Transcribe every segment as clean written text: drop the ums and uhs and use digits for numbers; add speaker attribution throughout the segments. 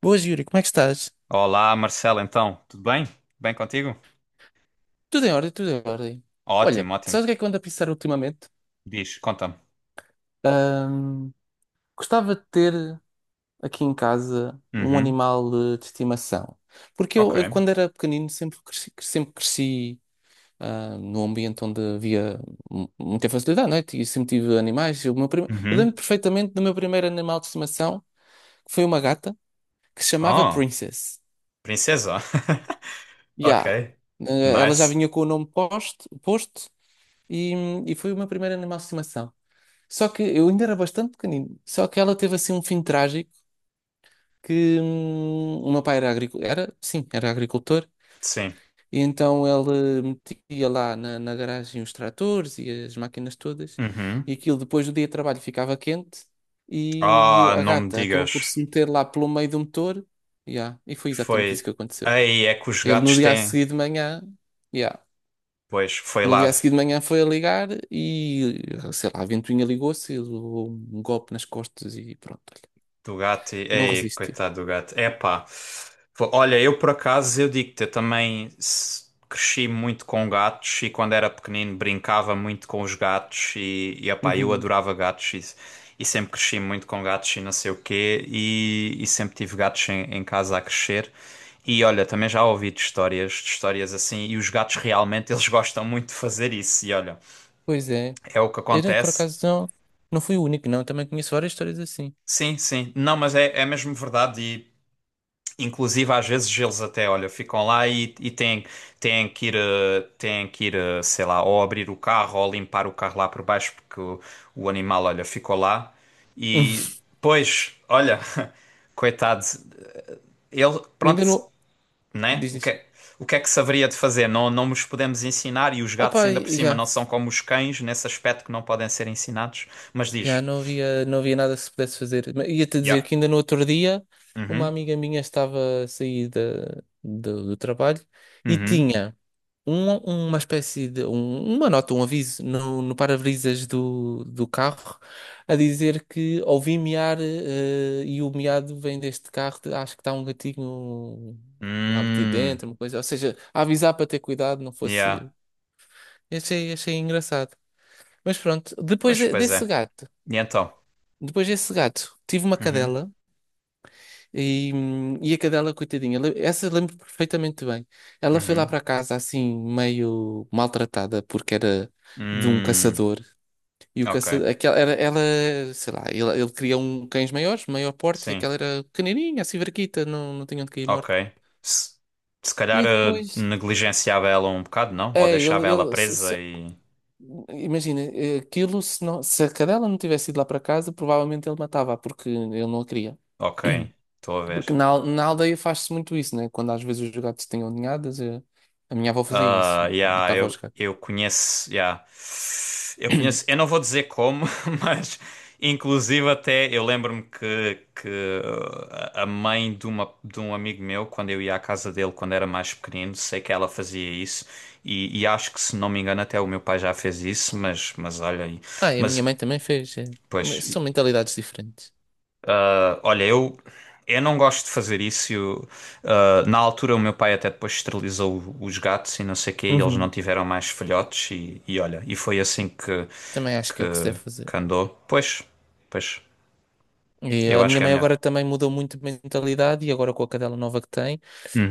Speaker 1: Boas, Yuri, como é que estás?
Speaker 2: Olá, Marcelo, então, tudo bem? Bem contigo?
Speaker 1: Tudo em ordem, tudo em ordem. Olha,
Speaker 2: Ótimo, ótimo.
Speaker 1: sabes o que é que eu ando a pensar ultimamente?
Speaker 2: Diz, conta-me.
Speaker 1: Ahm, Gostava de ter aqui em casa um
Speaker 2: Uhum,
Speaker 1: animal de estimação. Porque
Speaker 2: ok.
Speaker 1: eu, quando era pequenino, sempre cresci, num ambiente onde havia muita facilidade, não é? E sempre tive animais. Eu
Speaker 2: Uhum.
Speaker 1: lembro perfeitamente do meu primeiro animal de estimação, que foi uma gata, que se chamava
Speaker 2: Oh,
Speaker 1: Princess.
Speaker 2: princesa.
Speaker 1: Yeah.
Speaker 2: Ok.
Speaker 1: Ela já
Speaker 2: Nice.
Speaker 1: vinha com o nome posto e, e foi o meu primeiro animal de estimação. Só que eu ainda era bastante pequenino. Só que ela teve assim um fim trágico que o meu pai era agricultor, era, sim, era agricultor,
Speaker 2: Sim.
Speaker 1: e então ele metia lá na garagem os tratores e as máquinas todas, e
Speaker 2: Uhum.
Speaker 1: aquilo depois do dia de trabalho ficava quente, e, e
Speaker 2: Ah,
Speaker 1: a
Speaker 2: não me
Speaker 1: gata acabou por
Speaker 2: digas.
Speaker 1: se meter lá pelo meio do motor, yeah, e foi exatamente isso
Speaker 2: Foi.
Speaker 1: que aconteceu.
Speaker 2: Ei, é que os
Speaker 1: Ele no
Speaker 2: gatos
Speaker 1: dia a
Speaker 2: têm.
Speaker 1: seguir de manhã. Yeah,
Speaker 2: Pois, foi
Speaker 1: no
Speaker 2: lá.
Speaker 1: dia a seguir de manhã foi a ligar e, sei lá, a ventoinha ligou-se, e levou um golpe nas costas e pronto, olha,
Speaker 2: Do gato e...
Speaker 1: não
Speaker 2: Ei,
Speaker 1: resistiu.
Speaker 2: coitado do gato. Epá. Olha, eu por acaso, eu digo-te, eu também cresci muito com gatos e quando era pequenino brincava muito com os gatos e epá, eu
Speaker 1: Uhum.
Speaker 2: adorava gatos e sempre cresci muito com gatos e não sei o quê e sempre tive gatos em casa a crescer. E olha, também já ouvi de histórias assim, e os gatos realmente eles gostam muito de fazer isso. E olha,
Speaker 1: Pois é.
Speaker 2: é o que
Speaker 1: Era, por
Speaker 2: acontece.
Speaker 1: acaso, não, não fui o único, não. Também conheço várias histórias assim.
Speaker 2: Sim, sim. Não, mas é, é mesmo verdade. Inclusive, às vezes eles até, olha, ficam lá e têm, têm que ir, têm que ir, sei lá, ou abrir o carro ou limpar o carro lá por baixo porque o animal, olha, ficou lá. E, pois, olha, coitado, ele,
Speaker 1: Ainda
Speaker 2: pronto,
Speaker 1: não...
Speaker 2: né?
Speaker 1: Diz isso.
Speaker 2: O que é que se haveria de fazer? Não, não nos podemos ensinar e os gatos
Speaker 1: Opa,
Speaker 2: ainda por cima
Speaker 1: já,
Speaker 2: não são como os cães nesse aspecto que não podem ser ensinados. Mas diz,
Speaker 1: não havia, não havia nada que se pudesse fazer. Mas ia-te
Speaker 2: yeah,
Speaker 1: dizer que ainda no outro dia, uma
Speaker 2: uhum,
Speaker 1: amiga minha estava a sair do trabalho e
Speaker 2: uhum,
Speaker 1: um- uma espécie de uma nota, um aviso no para-brisas do carro a dizer que ouvi miar e o miado vem deste carro, acho que está um gatinho lá metido
Speaker 2: hum,
Speaker 1: dentro, uma coisa, ou seja, a avisar para ter cuidado, não
Speaker 2: yeah,
Speaker 1: fosse. Achei engraçado. Mas pronto,
Speaker 2: pois, pois é. E então?
Speaker 1: depois desse gato, tive uma
Speaker 2: Uhum.
Speaker 1: cadela. E a cadela, coitadinha, essa lembro perfeitamente bem. Ela foi lá
Speaker 2: Uhum.
Speaker 1: para casa assim, meio maltratada, porque era de um
Speaker 2: Hum,
Speaker 1: caçador. E o
Speaker 2: ok.
Speaker 1: caçador, aquela, era, ela, sei lá, ele queria um cães maiores, maior porte, e
Speaker 2: Sim,
Speaker 1: aquela era pequenininha, assim, verquita, não, não tinha onde cair morta.
Speaker 2: ok. Se, se calhar
Speaker 1: E depois,
Speaker 2: negligenciava ela um bocado, não? Ou
Speaker 1: é,
Speaker 2: deixava
Speaker 1: ele,
Speaker 2: ela
Speaker 1: ele se-
Speaker 2: presa
Speaker 1: se-
Speaker 2: e.
Speaker 1: imagina, aquilo, se, não, se a cadela não tivesse ido lá para casa, provavelmente ele matava, porque ele não a queria.
Speaker 2: Ok, estou a ver.
Speaker 1: Porque na aldeia faz-se muito isso, né? Quando às vezes os gatos têm ninhadas, a minha avó fazia
Speaker 2: Ah,
Speaker 1: isso,
Speaker 2: yeah,
Speaker 1: matava os
Speaker 2: eu,
Speaker 1: gatos.
Speaker 2: eu conheço, yeah. Eu conheço, eu não vou dizer como, mas inclusive até eu lembro-me que a mãe de, uma, de um amigo meu, quando eu ia à casa dele quando era mais pequenino, sei que ela fazia isso e acho que se não me engano até o meu pai já fez isso, mas olha aí,
Speaker 1: Ah, e a minha
Speaker 2: mas
Speaker 1: mãe também fez. Eh.
Speaker 2: pois.
Speaker 1: Mas são mentalidades diferentes.
Speaker 2: Ah, olha, eu não gosto de fazer isso. Eu, ah, na altura, o meu pai até depois esterilizou os gatos e não sei o quê, e eles não
Speaker 1: Uhum.
Speaker 2: tiveram mais filhotes. E olha, e foi assim
Speaker 1: Também acho que
Speaker 2: que,
Speaker 1: é o que se deve fazer.
Speaker 2: que andou. Pois, pois,
Speaker 1: E
Speaker 2: eu
Speaker 1: a
Speaker 2: acho
Speaker 1: minha
Speaker 2: que é
Speaker 1: mãe
Speaker 2: melhor.
Speaker 1: agora também mudou muito de mentalidade e agora com a cadela nova que tem,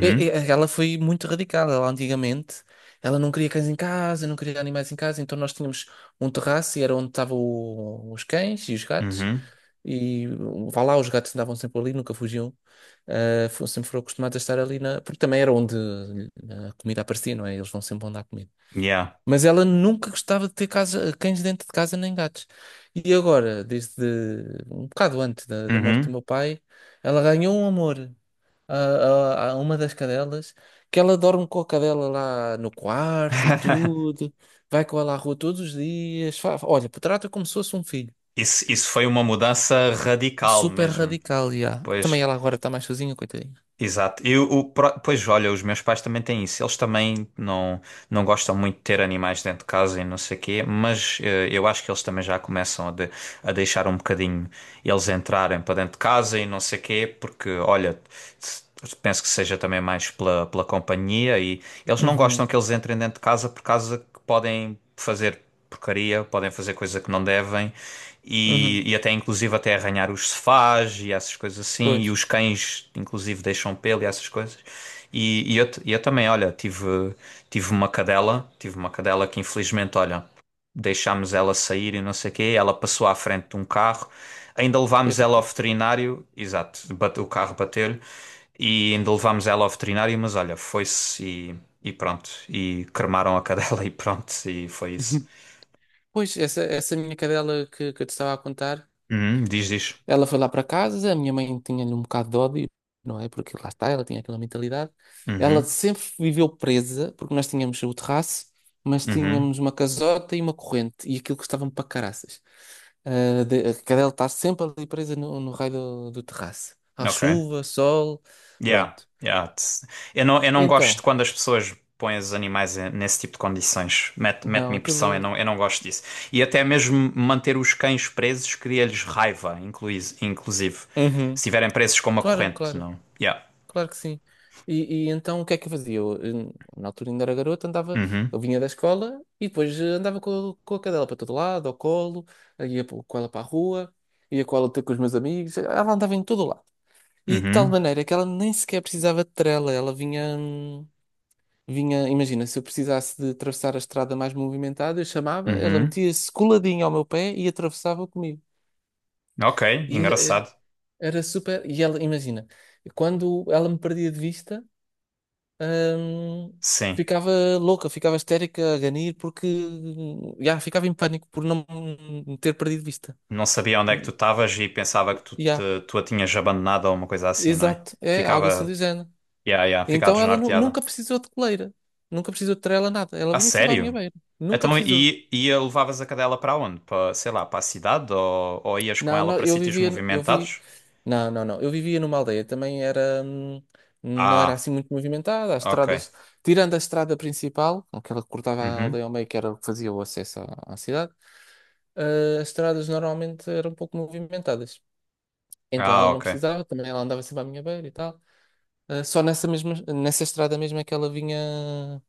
Speaker 1: ela foi muito radical. Ela antigamente, ela não queria cães em casa, não queria animais em casa, então nós tínhamos um terraço e era onde estavam os cães e os gatos.
Speaker 2: uhum,
Speaker 1: E vá lá, os gatos andavam sempre ali, nunca fugiam. Ah, sempre foram acostumados a estar ali na. Porque também era onde a comida aparecia, não é? Eles vão sempre onde há comida.
Speaker 2: yeah,
Speaker 1: Mas ela nunca gostava de ter casa, cães dentro de casa nem gatos. E agora, desde um bocado antes da morte do
Speaker 2: uhum.
Speaker 1: meu pai, ela ganhou um amor a uma das cadelas, que ela dorme com a cadela lá no quarto e tudo, vai com ela à rua todos os dias. Olha, trata como se fosse um filho.
Speaker 2: Isso foi uma mudança radical
Speaker 1: Super
Speaker 2: mesmo.
Speaker 1: radical, já. Também
Speaker 2: Pois,
Speaker 1: ela agora está mais sozinha, coitadinha.
Speaker 2: exato. Eu, o, pois olha, os meus pais também têm isso. Eles também não, não gostam muito de ter animais dentro de casa e não sei o quê, mas eu acho que eles também já começam a, a deixar um bocadinho e eles entrarem para dentro de casa e não sei quê, porque olha, penso que seja também mais pela, pela companhia e eles não gostam
Speaker 1: Uhum,
Speaker 2: que eles entrem dentro de casa por causa que podem fazer porcaria, podem fazer coisa que não devem e,
Speaker 1: uhum.
Speaker 2: e até inclusive até arranhar os sofás e essas coisas assim
Speaker 1: Pois,
Speaker 2: e os cães inclusive deixam pelo e essas coisas. E eu, e eu também, olha, tive, tive uma cadela que infelizmente, olha, deixámos ela sair e não sei o quê, ela passou à frente de um carro. Ainda
Speaker 1: foi
Speaker 2: levámos ela ao
Speaker 1: atropelar.
Speaker 2: veterinário, exato, o carro bateu-lhe e ainda levámos ela ao veterinário, mas olha, foi-se e pronto. E cremaram a cadela e pronto, e foi isso.
Speaker 1: Uhum. Pois, essa minha cadela que eu te estava a contar,
Speaker 2: Uhum, diz, diz.
Speaker 1: ela foi lá para casa, a minha mãe tinha-lhe um bocado de ódio, não é? Porque lá está, ela tinha aquela mentalidade. Ela
Speaker 2: Uhum,
Speaker 1: sempre viveu presa, porque nós tínhamos o terraço, mas
Speaker 2: uhum,
Speaker 1: tínhamos uma casota e uma corrente, e aquilo custava-me para caraças. Ah, a cadela está sempre ali presa no raio do terraço. À
Speaker 2: ok.
Speaker 1: chuva, sol,
Speaker 2: Yeah,
Speaker 1: pronto.
Speaker 2: yeah. Tss. Eu não gosto
Speaker 1: Então.
Speaker 2: quando as pessoas põem os animais nesse tipo de condições. Mete,
Speaker 1: Não,
Speaker 2: mete-me impressão,
Speaker 1: aquilo.
Speaker 2: eu não gosto disso. E até mesmo manter os cães presos cria-lhes raiva, inclusive. Se
Speaker 1: Uhum.
Speaker 2: estiverem presos com uma
Speaker 1: Claro,
Speaker 2: corrente,
Speaker 1: claro,
Speaker 2: não? Yeah.
Speaker 1: claro que sim. E então o que é que eu fazia? Na altura ainda era garoto, andava,
Speaker 2: Uhum.
Speaker 1: eu vinha da escola e depois andava com, com a cadela para todo lado, ao colo, com ela para a rua, ia com ela ter com os meus amigos, ela andava em todo lado. E de tal
Speaker 2: Uhum,
Speaker 1: maneira que ela nem sequer precisava de trela, ela vinha, vinha, imagina, se eu precisasse de atravessar a estrada mais movimentada, eu chamava, ela
Speaker 2: uhum.
Speaker 1: metia-se coladinha ao meu pé e atravessava comigo.
Speaker 2: Ok, engraçado.
Speaker 1: Era super. E ela, imagina, quando ela me perdia de vista, hum,
Speaker 2: Sim.
Speaker 1: ficava louca, ficava histérica a ganir, porque já ficava em pânico por não me ter perdido de vista.
Speaker 2: Não sabia onde é que tu estavas e pensava que tu,
Speaker 1: Já,
Speaker 2: te, tu a tinhas abandonado ou uma coisa assim, não é?
Speaker 1: exato, é algo assim do
Speaker 2: Ficava.
Speaker 1: género.
Speaker 2: Yeah, yeah, ficava
Speaker 1: Então ela
Speaker 2: desnorteada.
Speaker 1: nunca precisou de coleira, nunca precisou de trela, nada. Ela
Speaker 2: A
Speaker 1: vinha sempre à minha
Speaker 2: sério?
Speaker 1: beira, nunca
Speaker 2: Então,
Speaker 1: precisou.
Speaker 2: e a levavas a cadela para onde? Para, sei lá, para a cidade ou ias com
Speaker 1: Não,
Speaker 2: ela
Speaker 1: não,
Speaker 2: para
Speaker 1: eu
Speaker 2: sítios
Speaker 1: vivia, eu vi,
Speaker 2: movimentados?
Speaker 1: não, não, não, eu vivia numa aldeia, também era, não era assim
Speaker 2: Ah,
Speaker 1: muito movimentada, as
Speaker 2: ok.
Speaker 1: estradas, tirando a estrada principal, aquela que cortava a
Speaker 2: Uhum.
Speaker 1: aldeia ao meio, que era o que fazia o acesso à cidade, as estradas normalmente eram um pouco movimentadas, então ela
Speaker 2: Ah,
Speaker 1: não
Speaker 2: ok.
Speaker 1: precisava, também ela andava sempre à minha beira e tal. Só nessa estrada mesmo é que ela vinha,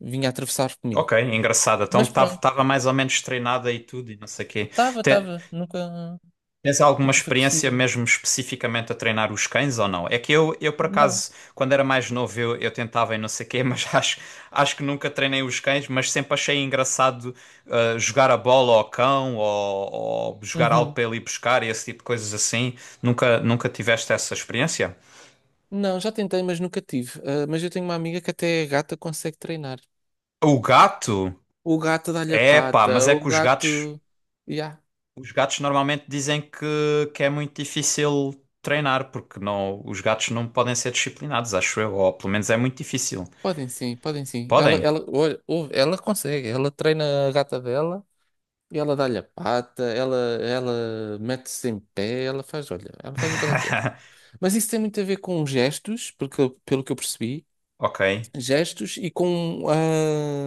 Speaker 1: vinha atravessar
Speaker 2: Ok,
Speaker 1: comigo,
Speaker 2: engraçado. Então
Speaker 1: mas pronto,
Speaker 2: estava mais ou menos treinada e tudo e não sei o quê.
Speaker 1: estava,
Speaker 2: Te-
Speaker 1: estava, nunca,
Speaker 2: Tens alguma
Speaker 1: nunca foi
Speaker 2: experiência
Speaker 1: preciso,
Speaker 2: mesmo especificamente a treinar os cães ou não? É que eu por
Speaker 1: não.
Speaker 2: acaso, quando era mais novo, eu tentava e não sei quê, mas acho, acho que nunca treinei os cães, mas sempre achei engraçado jogar a bola ao cão ou jogar algo
Speaker 1: Uhum.
Speaker 2: para ele ir buscar e esse tipo de coisas assim. Nunca, nunca tiveste essa experiência?
Speaker 1: Não, já tentei, mas nunca tive. Ah, mas eu tenho uma amiga que até a gata consegue treinar.
Speaker 2: O gato?
Speaker 1: O gato dá-lhe a
Speaker 2: É pá, mas
Speaker 1: pata,
Speaker 2: é
Speaker 1: o
Speaker 2: que
Speaker 1: gato. Ya,
Speaker 2: os gatos normalmente dizem que é muito difícil treinar, porque não, os gatos não podem ser disciplinados, acho eu, ou pelo menos é muito difícil.
Speaker 1: podem sim, podem sim.
Speaker 2: Podem?
Speaker 1: Olha, ouve, ela consegue, ela treina a gata dela e ela dá-lhe a pata, ela mete-se em pé, ela faz, olha, ela faz o que ela quer. Mas isso tem muito a ver com gestos, porque, pelo que eu percebi,
Speaker 2: Ok.
Speaker 1: gestos e com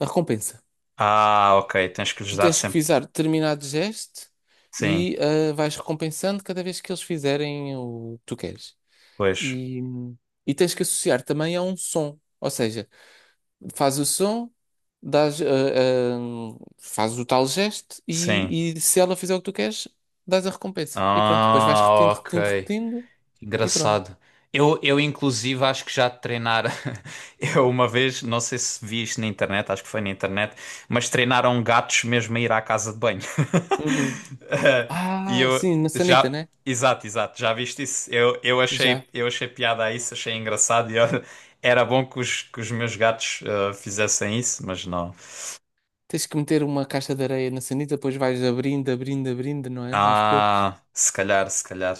Speaker 1: a recompensa.
Speaker 2: Ah, ok. Tens que lhes
Speaker 1: Tu
Speaker 2: dar
Speaker 1: tens que
Speaker 2: sempre.
Speaker 1: fizer determinado gesto
Speaker 2: Sim,
Speaker 1: e vais recompensando cada vez que eles fizerem o que tu queres.
Speaker 2: pois.
Speaker 1: E, e tens que associar também a um som. Ou seja, faz o som, dás, ah, faz o tal gesto
Speaker 2: Sim.
Speaker 1: e se ela fizer o que tu queres, dás a recompensa. E pronto, depois vais
Speaker 2: Ah,
Speaker 1: repetindo,
Speaker 2: ok.
Speaker 1: repetindo, repetindo e pronto.
Speaker 2: Engraçado. Eu, inclusive, acho que já de treinar. Eu uma vez, não sei se vi isto na internet, acho que foi na internet, mas treinaram gatos mesmo a ir à casa de banho.
Speaker 1: Uhum.
Speaker 2: Eh, e
Speaker 1: Ah,
Speaker 2: eu
Speaker 1: sim, na sanita,
Speaker 2: já.
Speaker 1: né?
Speaker 2: Exato, exato, já viste isso?
Speaker 1: Já.
Speaker 2: Eu achei piada a isso, achei engraçado. E olha, era bom que os meus gatos fizessem isso, mas não.
Speaker 1: Tens que meter uma caixa de areia na sanita, depois vais abrindo, abrindo, abrindo, não é? Aos poucos.
Speaker 2: Ah, se calhar, se calhar.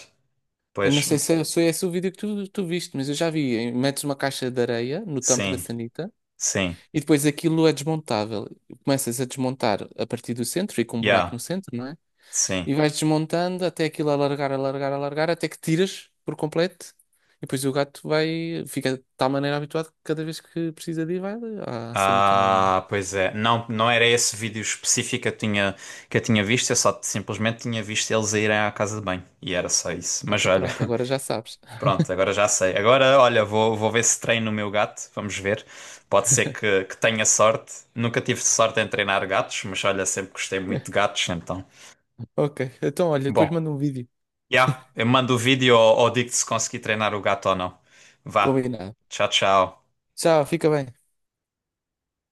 Speaker 1: Eu não
Speaker 2: Pois,
Speaker 1: sei se é esse o vídeo que tu viste, mas eu já vi. Metes uma caixa de areia no tampo da
Speaker 2: sim,
Speaker 1: sanita
Speaker 2: sim,
Speaker 1: e depois aquilo é desmontável. Começas a desmontar a partir do centro, e com um buraco
Speaker 2: yeah,
Speaker 1: no centro, não é? E
Speaker 2: sim.
Speaker 1: vais desmontando até aquilo alargar, alargar, alargar, até que tiras por completo. E depois o gato vai, fica de tal maneira habituado que cada vez que precisa de ir, vai à sanita normal.
Speaker 2: Ah, pois é. Não, não era esse vídeo específico que eu tinha visto, eu só simplesmente tinha visto eles a irem à casa de banho. E era só isso. Mas
Speaker 1: Então
Speaker 2: olha,
Speaker 1: pronto, agora já sabes.
Speaker 2: pronto, agora já sei. Agora, olha, vou, vou ver se treino o meu gato, vamos ver. Pode ser que, que tenha sorte. Nunca tive sorte em treinar gatos, mas olha, sempre gostei muito de gatos, então.
Speaker 1: Ok, então olha, depois
Speaker 2: Bom,
Speaker 1: manda um vídeo.
Speaker 2: já, eu mando o vídeo ou digo-te se consegui treinar o gato ou não. Vá.
Speaker 1: Combinado.
Speaker 2: Tchau, tchau.
Speaker 1: Tchau, fica bem.